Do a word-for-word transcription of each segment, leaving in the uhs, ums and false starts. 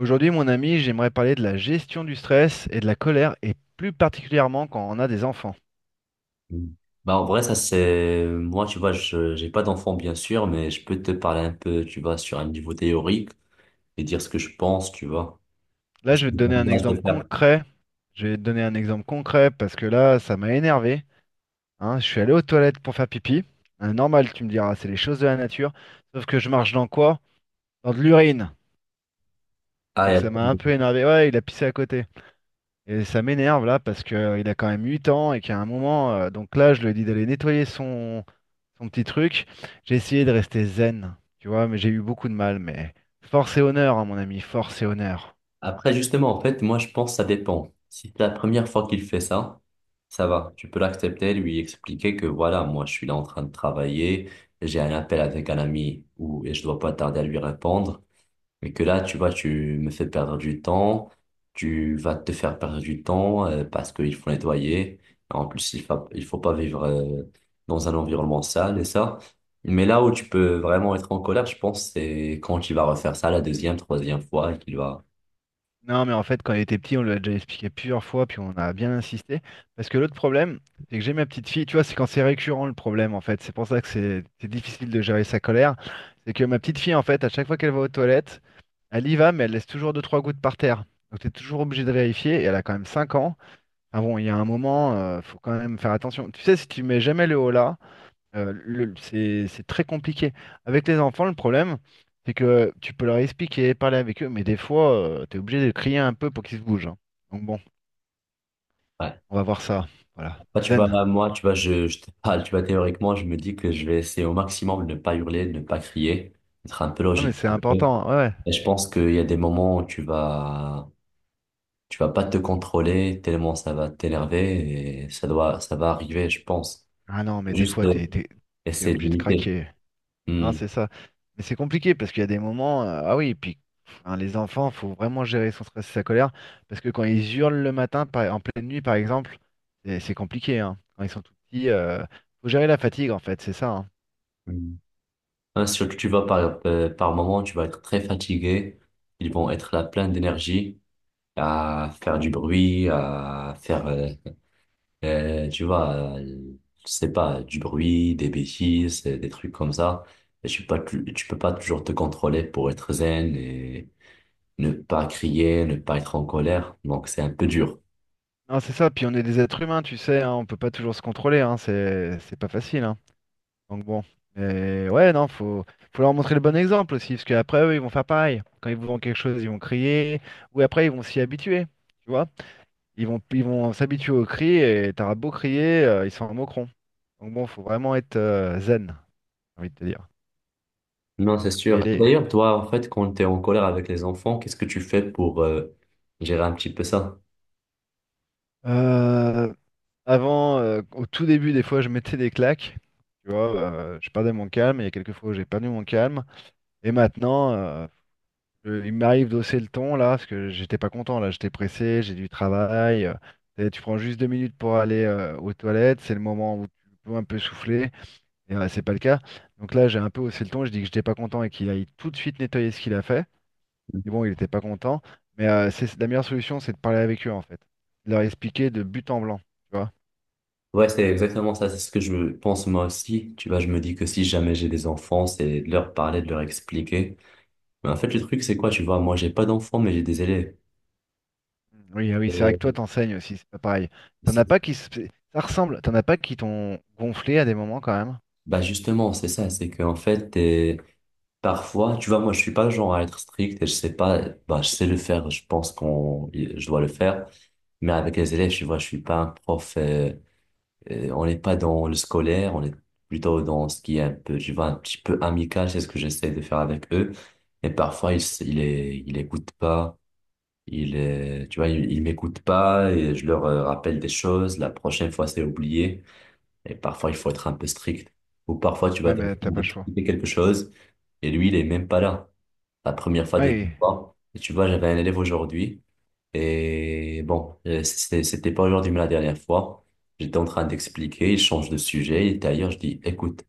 Aujourd'hui, mon ami, j'aimerais parler de la gestion du stress et de la colère, et plus particulièrement quand on a des enfants. Mm. Bah, en vrai, ça c'est, moi, tu vois, je, j'ai pas d'enfant, bien sûr, mais je peux te parler un peu, tu vois, sur un niveau théorique et dire ce que je pense, tu vois. Là, Est-ce je que vais te donner un j'envisage exemple de faire? concret. Je vais te donner un exemple concret parce que là, ça m'a énervé, hein. Je suis allé aux toilettes pour faire pipi. Hein, normal, tu me diras, c'est les choses de la nature. Sauf que je marche dans quoi? Dans de l'urine. Ah, et Donc ça m'a attends. un peu énervé. Ouais, il a pissé à côté. Et ça m'énerve là parce que euh, il a quand même huit ans et qu'à un moment, euh, donc là, je lui ai dit d'aller nettoyer son son petit truc. J'ai essayé de rester zen, tu vois, mais j'ai eu beaucoup de mal. Mais force et honneur, hein, mon ami, force et honneur. Après, justement, en fait, moi, je pense que ça dépend. Si c'est la première fois qu'il fait ça, ça va. Tu peux l'accepter, lui expliquer que voilà, moi, je suis là en train de travailler, j'ai un appel avec un ami ou, et je dois pas tarder à lui répondre. Mais que là, tu vois, tu me fais perdre du temps, tu vas te faire perdre du temps euh, parce qu'il faut nettoyer. En plus, il faut il faut pas vivre euh, dans un environnement sale et ça. Mais là où tu peux vraiment être en colère, je pense, c'est quand il va refaire ça la deuxième, troisième fois et qu'il va... Non, mais en fait, quand il était petit, on lui a déjà expliqué plusieurs fois, puis on a bien insisté. Parce que l'autre problème, c'est que j'ai ma petite fille, tu vois, c'est quand c'est récurrent le problème, en fait. C'est pour ça que c'est c'est difficile de gérer sa colère. C'est que ma petite fille, en fait, à chaque fois qu'elle va aux toilettes, elle y va, mais elle laisse toujours deux, trois gouttes par terre. Donc t'es toujours obligé de vérifier, et elle a quand même cinq ans. Ah bon, il y a un moment, euh, faut quand même faire attention. Tu sais, si tu mets jamais le haut là, Euh, le- c'est c'est très compliqué. Avec les enfants, le problème, c'est que tu peux leur expliquer, parler avec eux, mais des fois, tu es obligé de crier un peu pour qu'ils se bougent, hein. Donc bon, Ouais. on va voir ça. Voilà. Bah, tu vois, Zen. moi, tu vois, je, je te parle, tu vois, théoriquement, je me dis que je vais essayer au maximum de ne pas hurler, de ne pas crier, d'être un peu Non, mais logique. c'est important, hein. Ouais, ouais. Et je pense qu'il y a des moments où tu vas Tu vas pas te contrôler tellement ça va t'énerver et ça doit, ça va arriver, je pense. Ah non, mais des Juste fois, euh, t'es, t'es, t'es essayer de obligé de limiter. craquer. Non, Hmm. c'est ça. Mais c'est compliqué parce qu'il y a des moments. euh, ah oui, et puis hein, les enfants, faut vraiment gérer son stress et sa colère. Parce que quand ils hurlent le matin, par- en pleine nuit, par exemple, c'est c'est compliqué, hein. Quand ils sont tout petits, euh, faut gérer la fatigue, en fait, c'est ça, hein. Hmm. Hein, surtout, tu vas par, euh, par moment, tu vas être très fatigué. Ils vont être là plein d'énergie à faire du bruit, à faire, euh, euh, tu vois, euh, je sais pas, du bruit, des bêtises, euh, des trucs comme ça. Et tu peux pas, tu, tu peux pas toujours te contrôler pour être zen et ne pas crier, ne pas être en colère. Donc, c'est un peu dur. Non, c'est ça, puis on est des êtres humains, tu sais, hein, on peut pas toujours se contrôler, hein, c'est c'est pas facile, hein. Donc bon. Mais ouais, non, faut, faut leur montrer le bon exemple aussi, parce qu'après eux, ils vont faire pareil. Quand ils vous vendent quelque chose, ils vont crier, ou après ils vont s'y habituer, tu vois. Ils vont ils vont s'habituer au cri et t'auras beau crier, euh, ils s'en moqueront. Donc bon, faut vraiment être euh, zen, j'ai envie de te dire. Non, c'est Faut y sûr. aller. D'ailleurs, toi, en fait, quand tu es en colère avec les enfants, qu'est-ce que tu fais pour euh, gérer un petit peu ça? Euh, avant, euh, au tout début, des fois, je mettais des claques. Tu vois, euh, je perdais mon calme. Il y a quelques fois où j'ai perdu mon calme. Et maintenant, euh, je- il m'arrive d'hausser le ton là, parce que j'étais pas content là, j'étais pressé, j'ai du travail. Euh, et tu prends juste deux minutes pour aller euh, aux toilettes, c'est le moment où tu peux un peu souffler, et euh, c'est pas le cas. Donc là, j'ai un peu haussé le ton, je dis que j'étais pas content et qu'il aille tout de suite nettoyer ce qu'il a fait. Et Mhm. bon, il était pas content, mais euh, c'est la meilleure solution, c'est de parler avec eux en fait, de leur expliquer de but en blanc, tu vois. Ouais, c'est exactement ça. C'est ce que je pense moi aussi. Tu vois, je me dis que si jamais j'ai des enfants, c'est de leur parler, de leur expliquer. Mais en fait, le truc, c'est quoi? Tu vois, moi, j'ai pas d'enfants, mais j'ai des élèves. Oui, ah oui, c'est vrai que toi Et t'enseignes aussi, c'est pas pareil. T'en as c'est- pas qui se... Ça ressemble, t'en as pas qui t'ont gonflé à des moments quand même. Bah, justement, c'est ça. C'est qu'en fait, t'es- parfois, tu vois, moi, je suis pas le genre à être strict et je sais pas, bah, je sais le faire. Je pense qu'on, je dois le faire. Mais avec les élèves, tu vois, je suis pas un prof. Euh, Euh, on n'est pas dans le scolaire, on est plutôt dans ce qui est un peu, je vois, un petit peu amical, c'est ce que j'essaie de faire avec eux. Et parfois, ils, s- ils, les- ils écoutent pas, ils, euh, tu vois, ils, ils m'écoutent pas et je leur euh, rappelle des choses. La prochaine fois, c'est oublié. Et parfois, il faut être un peu strict. Ou parfois, tu vas Ouais, mais t'as pas le choix. t'expliquer quelque chose et lui, il est même pas là. La première fois, deuxième Ouais, fois. Et tu vois, j'avais un élève aujourd'hui. Et bon, euh, c'était c'était pas aujourd'hui, mais la dernière fois, j'étais en train d'expliquer, il change de sujet, et d'ailleurs, je dis, écoute,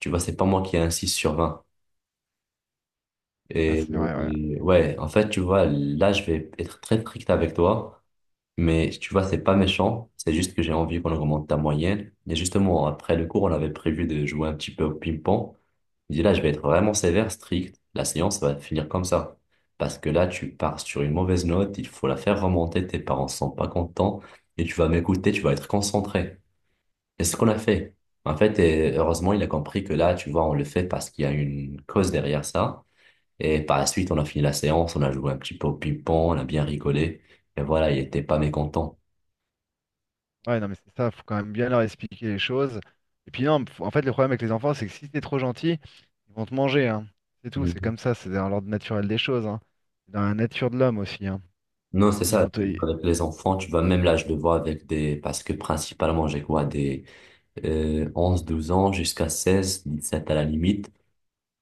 tu vois, c'est pas moi qui ai un six sur vingt. ah, Et, c'est vrai, ouais. et ouais, en fait, tu vois, là, je vais être très strict avec toi, mais tu vois, c'est pas méchant, c'est juste que j'ai envie qu'on augmente ta moyenne. Et justement, après le cours, on avait prévu de jouer un petit peu au ping-pong. Je dis là, je vais être vraiment sévère, strict. La séance va finir comme ça. Parce que là, tu pars sur une mauvaise note, il faut la faire remonter, tes parents sont pas contents et tu vas m'écouter, tu vas être concentré. Et c'est ce qu'on a fait. En fait, et heureusement, il a compris que là, tu vois, on le fait parce qu'il y a une cause derrière ça. Et par la suite, on a fini la séance, on a joué un petit peu au ping-pong, on a bien rigolé. Et voilà, il était pas mécontent. Ouais, non, mais c'est ça, faut quand même bien leur expliquer les choses. Et puis non, faut- en fait, le problème avec les enfants, c'est que si t'es trop gentil, ils vont te manger, hein. C'est tout, c'est Mhm. comme ça, c'est dans l'ordre naturel des choses, hein. C'est dans la nature de l'homme aussi, hein. Non, c'est Ils ça. vont te... Avec les enfants, tu vois, même là, je le vois avec des... Parce que principalement, j'ai quoi? Des euh, onze, douze ans jusqu'à seize, sept à la limite.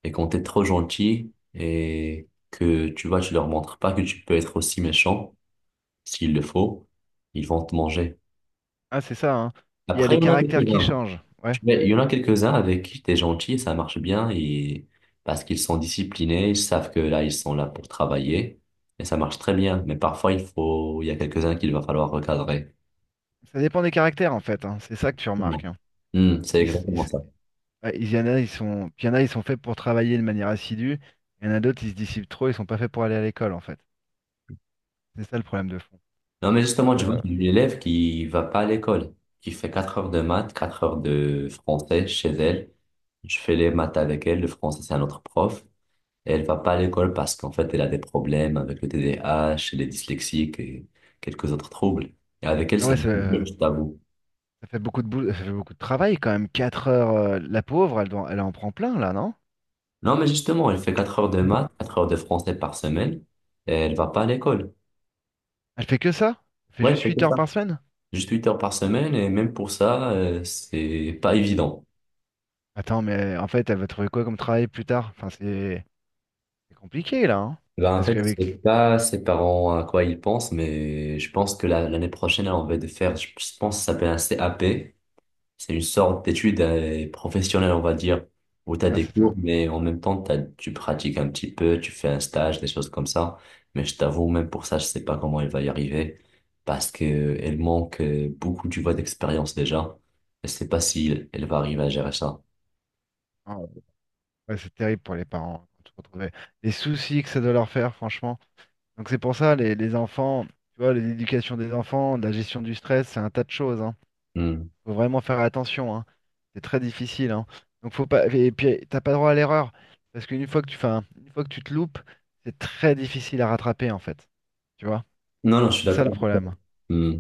Et quand t'es trop gentil et que tu vois, tu leur montres pas que tu peux être aussi méchant, s'il le faut, ils vont te manger. Ah, c'est ça, hein. Il y a Après, les il y en a caractères qui quelques-uns. changent, ouais. Tu vois, il y en a quelques-uns avec qui t'es gentil, ça marche bien et parce qu'ils sont disciplinés, ils savent que là, ils sont là pour travailler et ça marche très bien. Mais parfois, il faut, il y a quelques-uns qu'il va falloir recadrer. Ça dépend des caractères, en fait, hein. C'est ça que tu remarques, hein. Hmm, c'est Ils, s- ils exactement s- ça. ouais, il y en a, ils sont... Puis il y en a, ils sont faits pour travailler de manière assidue. Il y en a d'autres, ils se dissipent trop, ils sont pas faits pour aller à l'école, en fait. C'est ça le problème de fond. Non, mais justement, tu vois, Euh, j'ai une élève qui va pas à l'école, qui fait quatre heures de maths, quatre heures de français chez elle. Je fais les maths avec elle, le français, c'est un autre prof. Et elle va pas à l'école parce qu'en fait, elle a des problèmes avec le T D A H, les dyslexiques et quelques autres troubles. Et avec elle, Ah c'est ouais, un peu c'est... euh, dur, je t'avoue. Ça fait beaucoup de boulot, ça fait beaucoup de travail quand même. Quatre heures, euh, la pauvre, elle, doit- elle en prend plein là, non? Non, mais justement, elle fait quatre heures de maths, quatre heures de français par semaine, et elle va pas à l'école. Elle fait que ça? Elle fait Ouais, elle juste fait huit que heures ça. par semaine? Juste huit heures par semaine, et même pour ça, euh, c'est pas évident. Attends, mais en fait, elle va trouver quoi comme travail plus tard? Enfin, c'est c'est compliqué là, hein? Bah en Parce fait, je sais qu'avec. pas ses parents à quoi ils pensent, mais je pense que la- l'année prochaine, elle, on va de faire, je je pense, que ça s'appelle un cap. C'est une sorte d'étude euh, professionnelle, on va dire, où tu as Ah, des c'est ça. cours, mais en même temps, t'as- tu pratiques un petit peu, tu fais un stage, des choses comme ça. Mais je t'avoue, même pour ça, je sais pas comment elle va y arriver, parce que elle manque euh, beaucoup, tu vois, d'expérience déjà. Je sais pas si elle va arriver à gérer ça. Ah, ouais, c'est terrible pour les parents quand tu retrouves les soucis que ça doit leur faire, franchement. Donc, c'est pour ça, les, les enfants, tu vois, l'éducation des enfants, la gestion du stress, c'est un tas de choses, hein. Hmm. Faut vraiment faire attention, hein. C'est très difficile, hein. Donc faut pas. Et puis t'as pas droit à l'erreur. Parce qu'une fois que tu fais un- une fois que tu te loupes, c'est très difficile à rattraper en fait. Tu vois? Non, non, je suis C'est ça le d'accord avec toi. problème. Hmm.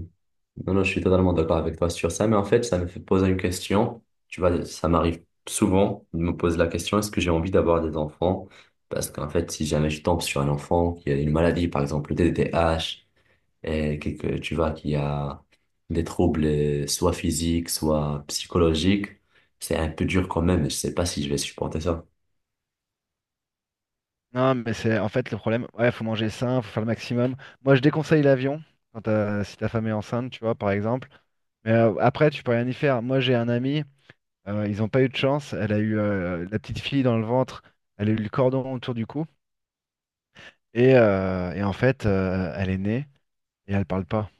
Non, non, je suis totalement d'accord avec toi sur ça, mais en fait, ça me fait poser une question. Tu vois, ça m'arrive souvent de me poser la question, est-ce que j'ai envie d'avoir des enfants? Parce qu'en fait, si jamais je tombe sur un enfant qui a une maladie, par exemple le T D A H, et que, que tu vois, qui a des troubles euh, soit physiques, soit psychologiques, c'est un peu dur quand même, et je sais pas si je vais supporter ça. Non, mais c'est en fait le problème, ouais, faut manger sain, faut faire le maximum. Moi je déconseille l'avion quand t'as- si ta femme est enceinte, tu vois, par exemple. Mais euh, après, tu peux rien y faire. Moi j'ai un ami, euh, ils ont pas eu de chance, elle a eu euh, la petite fille dans le ventre, elle a eu le cordon autour du cou, et, euh, et en fait, euh, elle est née et elle parle pas.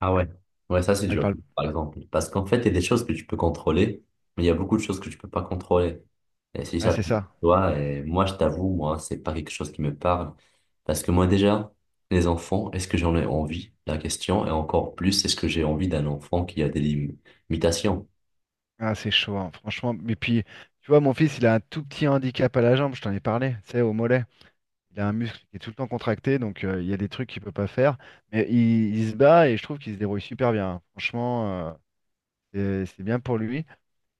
Ah ouais, ouais, ça c'est Elle dur, parle. par exemple. Parce qu'en fait, il y a des choses que tu peux contrôler, mais il y a beaucoup de choses que tu peux pas contrôler. Et si Ouais, ça te c'est ça. toi, et moi, je t'avoue, moi, c'est pas quelque chose qui me parle. Parce que moi, déjà, les enfants, est-ce que j'en ai envie? La question, et encore plus, est-ce que j'ai envie d'un enfant qui a des lim- limitations? Ah, c'est chaud, hein, franchement. Mais puis, tu vois, mon fils, il a un tout petit handicap à la jambe, je t'en ai parlé, tu sais, au mollet. Il a un muscle qui est tout le temps contracté, donc euh, il y a des trucs qu'il peut pas faire. Mais il, il se bat et je trouve qu'il se débrouille super bien, hein. Franchement, euh, c'est c'est bien pour lui.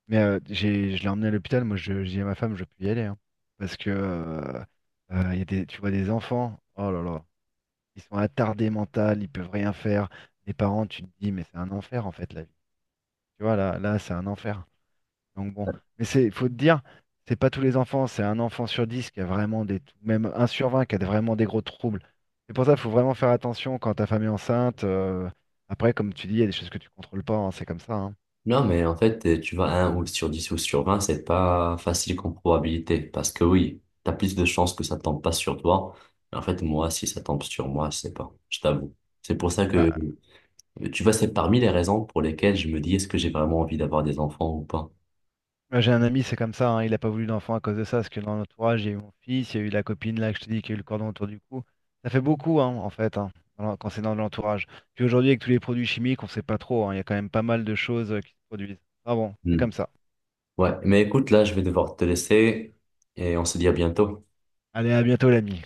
Mais euh, j'ai, je l'ai emmené à l'hôpital, moi, je, je dis à ma femme, je peux y aller, hein. parce que euh, euh, Il y a des, tu vois, des enfants, oh là là, ils sont attardés mental, ils peuvent rien faire. Les parents, tu te dis, mais c'est un enfer, en fait, la vie. Tu vois, là, là, c'est un enfer. Donc bon, mais c'est, faut te dire, c'est pas tous les enfants, c'est un enfant sur dix qui a vraiment des, même un sur vingt qui a vraiment des gros troubles. C'est pour ça qu'il faut vraiment faire attention quand ta femme est enceinte. Euh, après, comme tu dis, il y a des choses que tu contrôles pas, hein, c'est comme ça, hein. Non, mais en fait, euh, tu vois, un ou sur dix ou sur vingt c'est pas facile comme probabilité. Parce que oui, t'as plus de chances que ça tombe pas sur toi. Mais en fait, moi, si ça tombe sur moi, je sais pas. Je t'avoue. C'est pour ça que, Ah, euh, tu vois, c'est parmi les raisons pour lesquelles je me dis, est-ce que j'ai vraiment envie d'avoir des enfants ou pas? moi, j'ai un ami, c'est comme ça, hein, il n'a pas voulu d'enfant à cause de ça, parce que dans l'entourage, il y a eu mon fils, il y a eu la copine là que je te dis qui a eu le cordon autour du cou. Ça fait beaucoup, hein, en fait, hein, dans l'en- quand c'est dans l'entourage. Puis aujourd'hui, avec tous les produits chimiques, on sait pas trop, hein, il y a quand même pas mal de choses euh, qui se produisent. Ah bon, c'est Hmm. comme ça. Ouais, mais écoute, là, je vais devoir te laisser et on se dit à bientôt. Allez, à bientôt l'ami.